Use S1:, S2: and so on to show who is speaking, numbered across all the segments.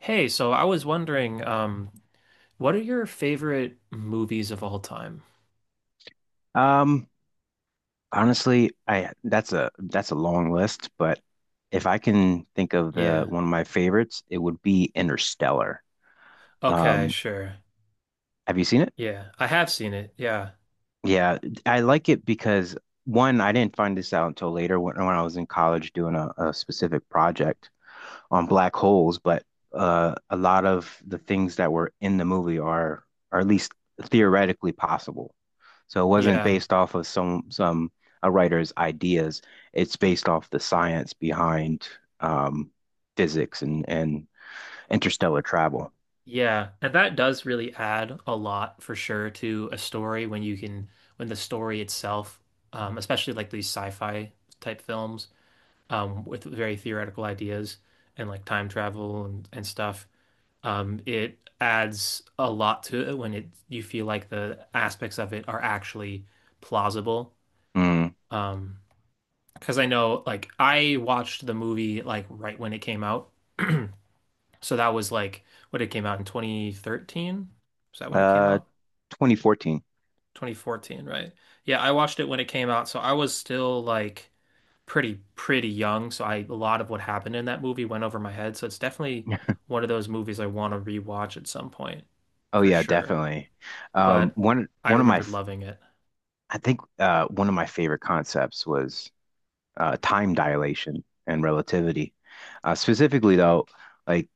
S1: Hey, so I was wondering, what are your favorite movies of all time?
S2: Um, honestly, I that's a long list, but if I can think of the
S1: Yeah.
S2: one of my favorites, it would be Interstellar.
S1: Okay,
S2: Um,
S1: sure.
S2: have you seen it?
S1: Yeah, I have seen it. Yeah.
S2: Yeah, I like it because one, I didn't find this out until later when I was in college doing a specific project on black holes, but a lot of the things that were in the movie are at least theoretically possible. So it wasn't
S1: Yeah.
S2: based off of some a writer's ideas. It's based off the science behind um, physics and interstellar travel.
S1: Yeah. And that does really add a lot for sure to a story when you can, when the story itself, especially like these sci-fi type films, with very theoretical ideas and like time travel and stuff. It adds a lot to it when it You feel like the aspects of it are actually plausible.
S2: Mm.
S1: Um, because I know like I watched the movie like right when it came out. So that was like what, it came out in 2013. Was that when it came
S2: Uh,
S1: out?
S2: 2014.
S1: 2014, right? Yeah, I watched it when it came out, so I was still like pretty young, so I, a lot of what happened in that movie went over my head. So it's definitely one of those movies I want to rewatch at some point,
S2: Oh
S1: for
S2: yeah,
S1: sure.
S2: definitely.
S1: But
S2: One
S1: I
S2: one of my
S1: remembered
S2: f-
S1: loving it.
S2: I think one of my favorite concepts was time dilation and relativity. Specifically though, like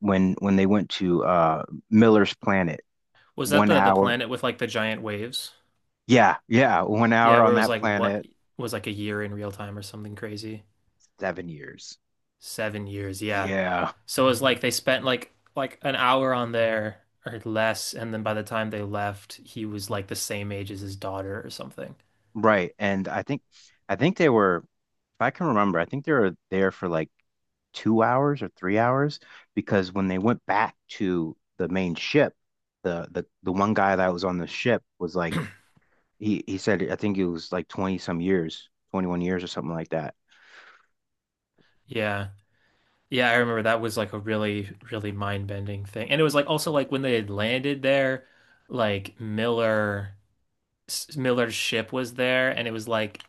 S2: when they went to Miller's planet,
S1: Was that
S2: one
S1: the
S2: hour.
S1: planet with like the giant waves?
S2: Yeah, yeah, one
S1: Yeah,
S2: hour
S1: where it
S2: on
S1: was
S2: that
S1: like what,
S2: planet,
S1: was like a year in real time or something crazy.
S2: 7 years.
S1: 7 years, yeah.
S2: Yeah,
S1: So it was like they spent like an hour on there or less, and then by the time they left, he was like the same age as his daughter or something.
S2: right. I think they were, if I can remember, I think they were there for like 2 hours or 3 hours because when they went back to the main ship, the one guy that was on the ship was like he said I think it was like 20 some years, 21 years or something like that.
S1: Yeah. Yeah, I remember that was like a really, really mind-bending thing. And it was like also like when they had landed there, like Miller's ship was there and it was like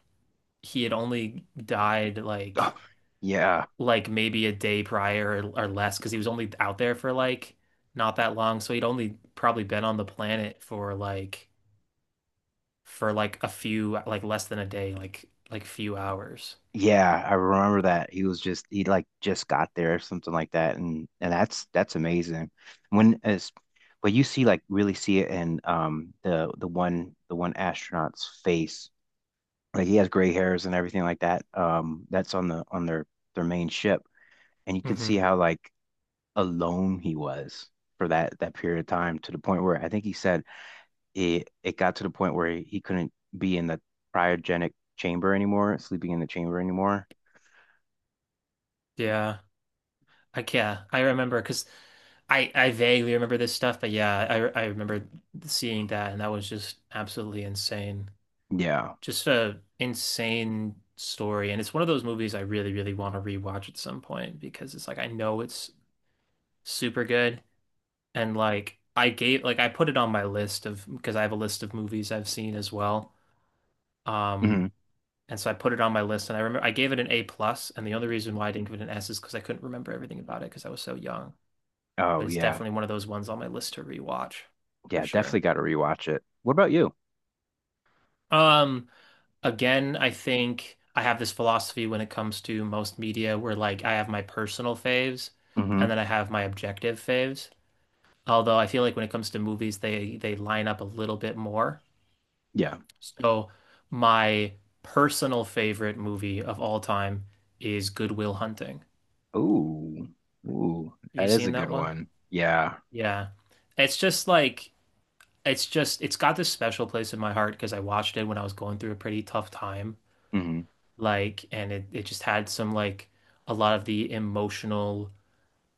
S1: he had only died
S2: Oh, yeah.
S1: like maybe a day prior or less because he was only out there for like not that long. So he'd only probably been on the planet for like a few, like less than a day, like few hours.
S2: Yeah, I remember that. He was just he like just got there or something like that and that's amazing. When as but you see like really see it in the one astronaut's face. Like he has gray hairs and everything like that. That's on the on their main ship and you can see
S1: Hmm.
S2: how like alone he was for that period of time to the point where I think he said it got to the point where he couldn't be in the cryogenic chamber anymore, sleeping in the chamber anymore.
S1: Yeah. I, yeah, I remember because I vaguely remember this stuff, but yeah, I remember seeing that and that was just absolutely insane.
S2: Yeah.
S1: Just a insane story. And it's one of those movies I really, really want to rewatch at some point because it's like I know it's super good. And like I gave, like I put it on my list of, because I have a list of movies I've seen as well. Um,
S2: Mhm.
S1: and so I put it on my list and I remember I gave it an A plus and the only reason why I didn't give it an S is because I couldn't remember everything about it because I was so young. But
S2: Oh
S1: it's
S2: yeah.
S1: definitely one of those ones on my list to rewatch for
S2: Yeah, definitely
S1: sure.
S2: got to rewatch it. What about you?
S1: Um Again, I think I have this philosophy when it comes to most media where like I have my personal faves
S2: Hmm.
S1: and then I have my objective faves. Although I feel like when it comes to movies, they line up a little bit more.
S2: Yeah.
S1: So my personal favorite movie of all time is Good Will Hunting.
S2: Ooh. Ooh,
S1: Have you
S2: that is
S1: seen
S2: a
S1: that
S2: good
S1: one?
S2: one. Yeah.
S1: Yeah. It's just like, it's just, it's got this special place in my heart because I watched it when I was going through a pretty tough time
S2: Hmm.
S1: like, and it just had some like a lot of the emotional,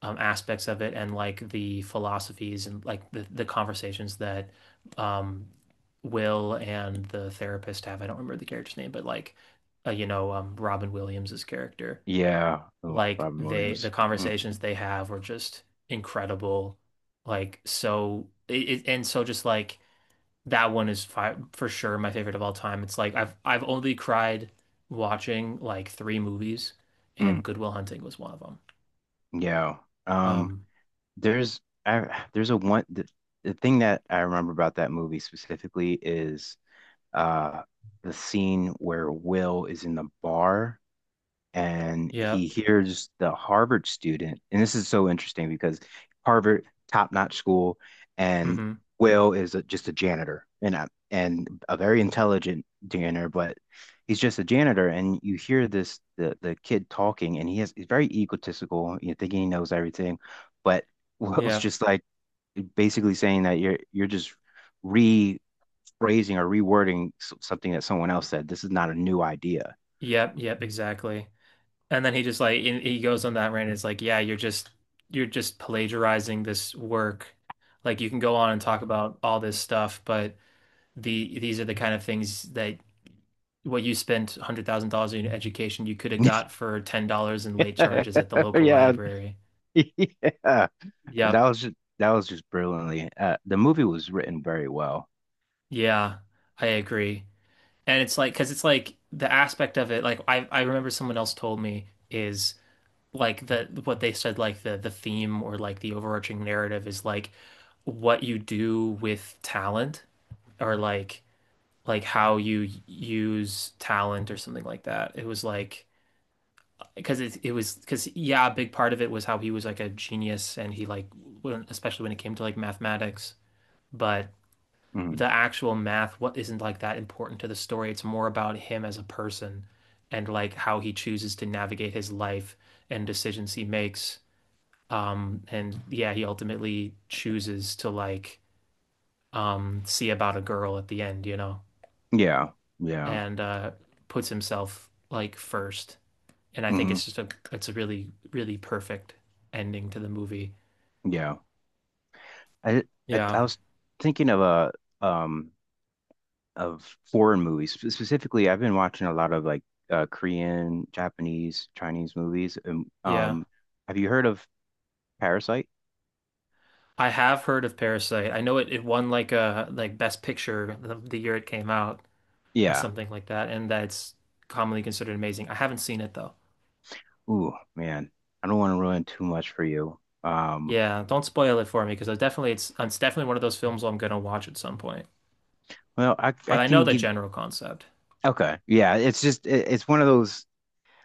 S1: aspects of it and like the philosophies and like the conversations that, um, Will and the therapist have, I don't remember the character's name but like, you know, um, Robin Williams's character,
S2: Yeah. Oh,
S1: like
S2: Robin
S1: they, the
S2: Williams. Mm.
S1: conversations they have were just incredible, like so it and so just like that one is fi for sure my favorite of all time. It's like I've only cried watching like 3 movies,
S2: Mm.
S1: and Good Will Hunting was one of them.
S2: Yeah. Um,
S1: Um,
S2: there's the thing that I remember about that movie specifically is uh the scene where Will is in the bar and
S1: yep,
S2: he hears the Harvard student, and this is so interesting because Harvard, top-notch school, and
S1: mm-hmm,
S2: Will is a, just a janitor and and a very intelligent janitor, but he's just a janitor. And you hear this the kid talking, and he's very egotistical, you know, thinking he knows everything, but Will's
S1: yep,
S2: just like basically saying that you're just rephrasing or rewording something that someone else said. This is not a new idea.
S1: yep, yep, exactly. And then he just like in, he goes on that rant. It's like, yeah, you're just plagiarizing this work. Like you can go on and talk about all this stuff, but these are the kind of things that what you spent $100,000 in education you could have got for $10 in late charges at the local
S2: Yeah, yeah.
S1: library. Yep.
S2: That was just brilliantly. The movie was written very well.
S1: Yeah, I agree. And it's like, because it's like the aspect of it, like I remember someone else told me is like the, what they said, like the theme or like the overarching narrative is like what you do with talent, or like how you use talent or something like that. It was like because it was, because yeah, a big part of it was how he was like a genius and he like when, especially when it came to like mathematics, but
S2: Hmm.
S1: the actual math, what, isn't like that important to the story, it's more about him as a person and like how he chooses to navigate his life and decisions he makes, um, and yeah, he ultimately chooses to like, um, see about a girl at the end, you know,
S2: Yeah, yeah,
S1: and, uh, puts himself like first, and I think
S2: hmm,
S1: it's just a, it's a really, really perfect ending to the movie.
S2: yeah. I,
S1: Yeah,
S2: I was thinking of a um of foreign movies specifically. I've been watching a lot of like Korean, Japanese, Chinese movies.
S1: yeah,
S2: Have you heard of Parasite?
S1: I have heard of Parasite. I know it, it won like a like Best Picture the year it came out or
S2: Yeah.
S1: something like that, and that's commonly considered amazing. I haven't seen it though.
S2: Ooh, man, I don't want to ruin too much for you. Um,
S1: Yeah, don't spoil it for me because I definitely, it's definitely one of those films I'm gonna watch at some point.
S2: well,
S1: But
S2: I
S1: I know
S2: can
S1: the
S2: give.
S1: general concept.
S2: Okay, yeah, it's just it's one of those.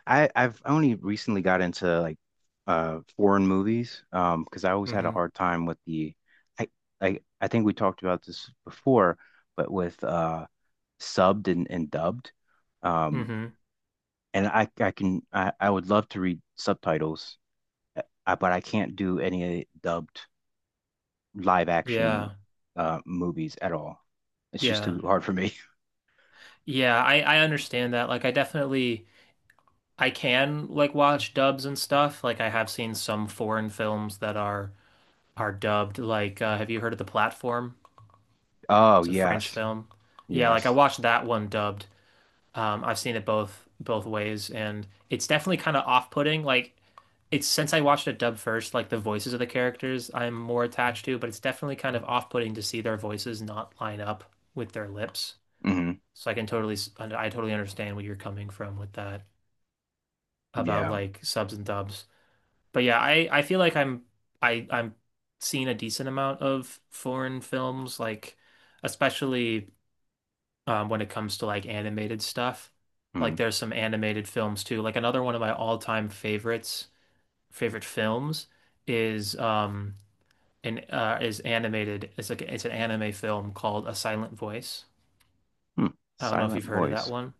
S2: I've only recently got into like foreign movies because I always had a
S1: Hmm.
S2: hard time with the I I think we talked about this before, but with subbed and dubbed, um,
S1: Hmm.
S2: and I can I would love to read subtitles, but I can't do any dubbed live action
S1: Yeah.
S2: movies at all. It's just
S1: Yeah.
S2: too hard for me.
S1: Yeah, I understand that. Like I definitely, I can like watch dubs and stuff. Like I have seen some foreign films that are dubbed. Like, have you heard of The Platform?
S2: Oh,
S1: It's a French
S2: yes.
S1: film. Yeah, like I
S2: Yes.
S1: watched that one dubbed. I've seen it both ways, and it's definitely kind of off-putting. Like it's, since I watched it dubbed first, like the voices of the characters I'm more attached to, but it's definitely kind of off-putting to see their voices not line up with their lips.
S2: Hmm.
S1: So I can totally, I totally understand where you're coming from with that about
S2: Yeah.
S1: like subs and dubs. But yeah, I feel like I'm, I'm seeing a decent amount of foreign films, like especially, when it comes to like animated stuff. Like
S2: Mm.
S1: there's some animated films too. Like another one of my all-time favorites, favorite films is, um, an is animated. It's like it's an anime film called A Silent Voice.
S2: Hmm.
S1: I don't know if
S2: Silent
S1: you've heard of that
S2: voice.
S1: one.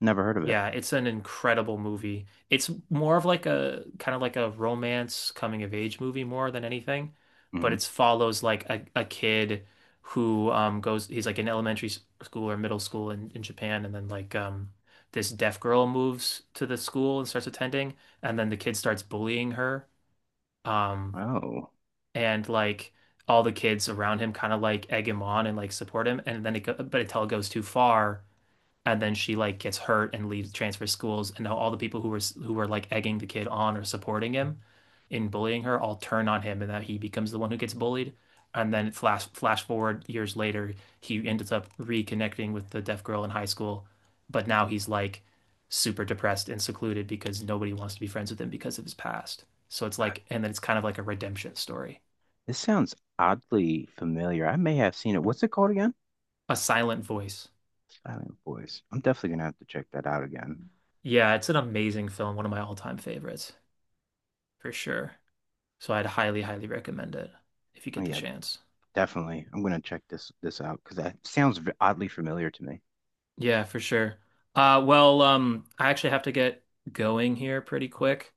S2: Never heard of it.
S1: Yeah, it's an incredible movie. It's more of like a kind of like a romance coming of age movie more than anything, but
S2: Hmm.
S1: it follows like a kid who, um, goes, he's like in elementary school or middle school in Japan, and then like, um, this deaf girl moves to the school and starts attending and then the kid starts bullying her, um,
S2: Oh,
S1: and like all the kids around him kind of like egg him on and like support him, and then but until it goes too far and then she like gets hurt and leaves, transfer schools, and now all the people who were, who were like egging the kid on or supporting him in bullying her all turn on him, and that he becomes the one who gets bullied, and then flash forward years later he ends up reconnecting with the deaf girl in high school but now he's like super depressed and secluded because nobody wants to be friends with him because of his past, so it's like, and then it's kind of like a redemption story.
S2: this sounds oddly familiar. I may have seen it. What's it called again?
S1: A silent voice.
S2: Silent voice. I'm definitely gonna have to check that out again.
S1: Yeah, it's an amazing film, one of my all-time favorites for sure. So I'd highly, highly recommend it if you
S2: Oh
S1: get the
S2: yeah,
S1: chance.
S2: definitely. I'm gonna check this out because that sounds oddly familiar to me.
S1: Yeah, for sure. Well, I actually have to get going here pretty quick.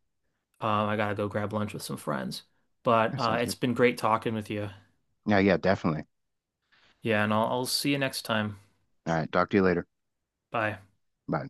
S1: I gotta go grab lunch with some friends. But,
S2: That sounds
S1: it's
S2: good.
S1: been great talking with you.
S2: Yeah, yeah, definitely.
S1: Yeah, and I'll see you next time.
S2: All right, talk to you later.
S1: Bye.
S2: Bye.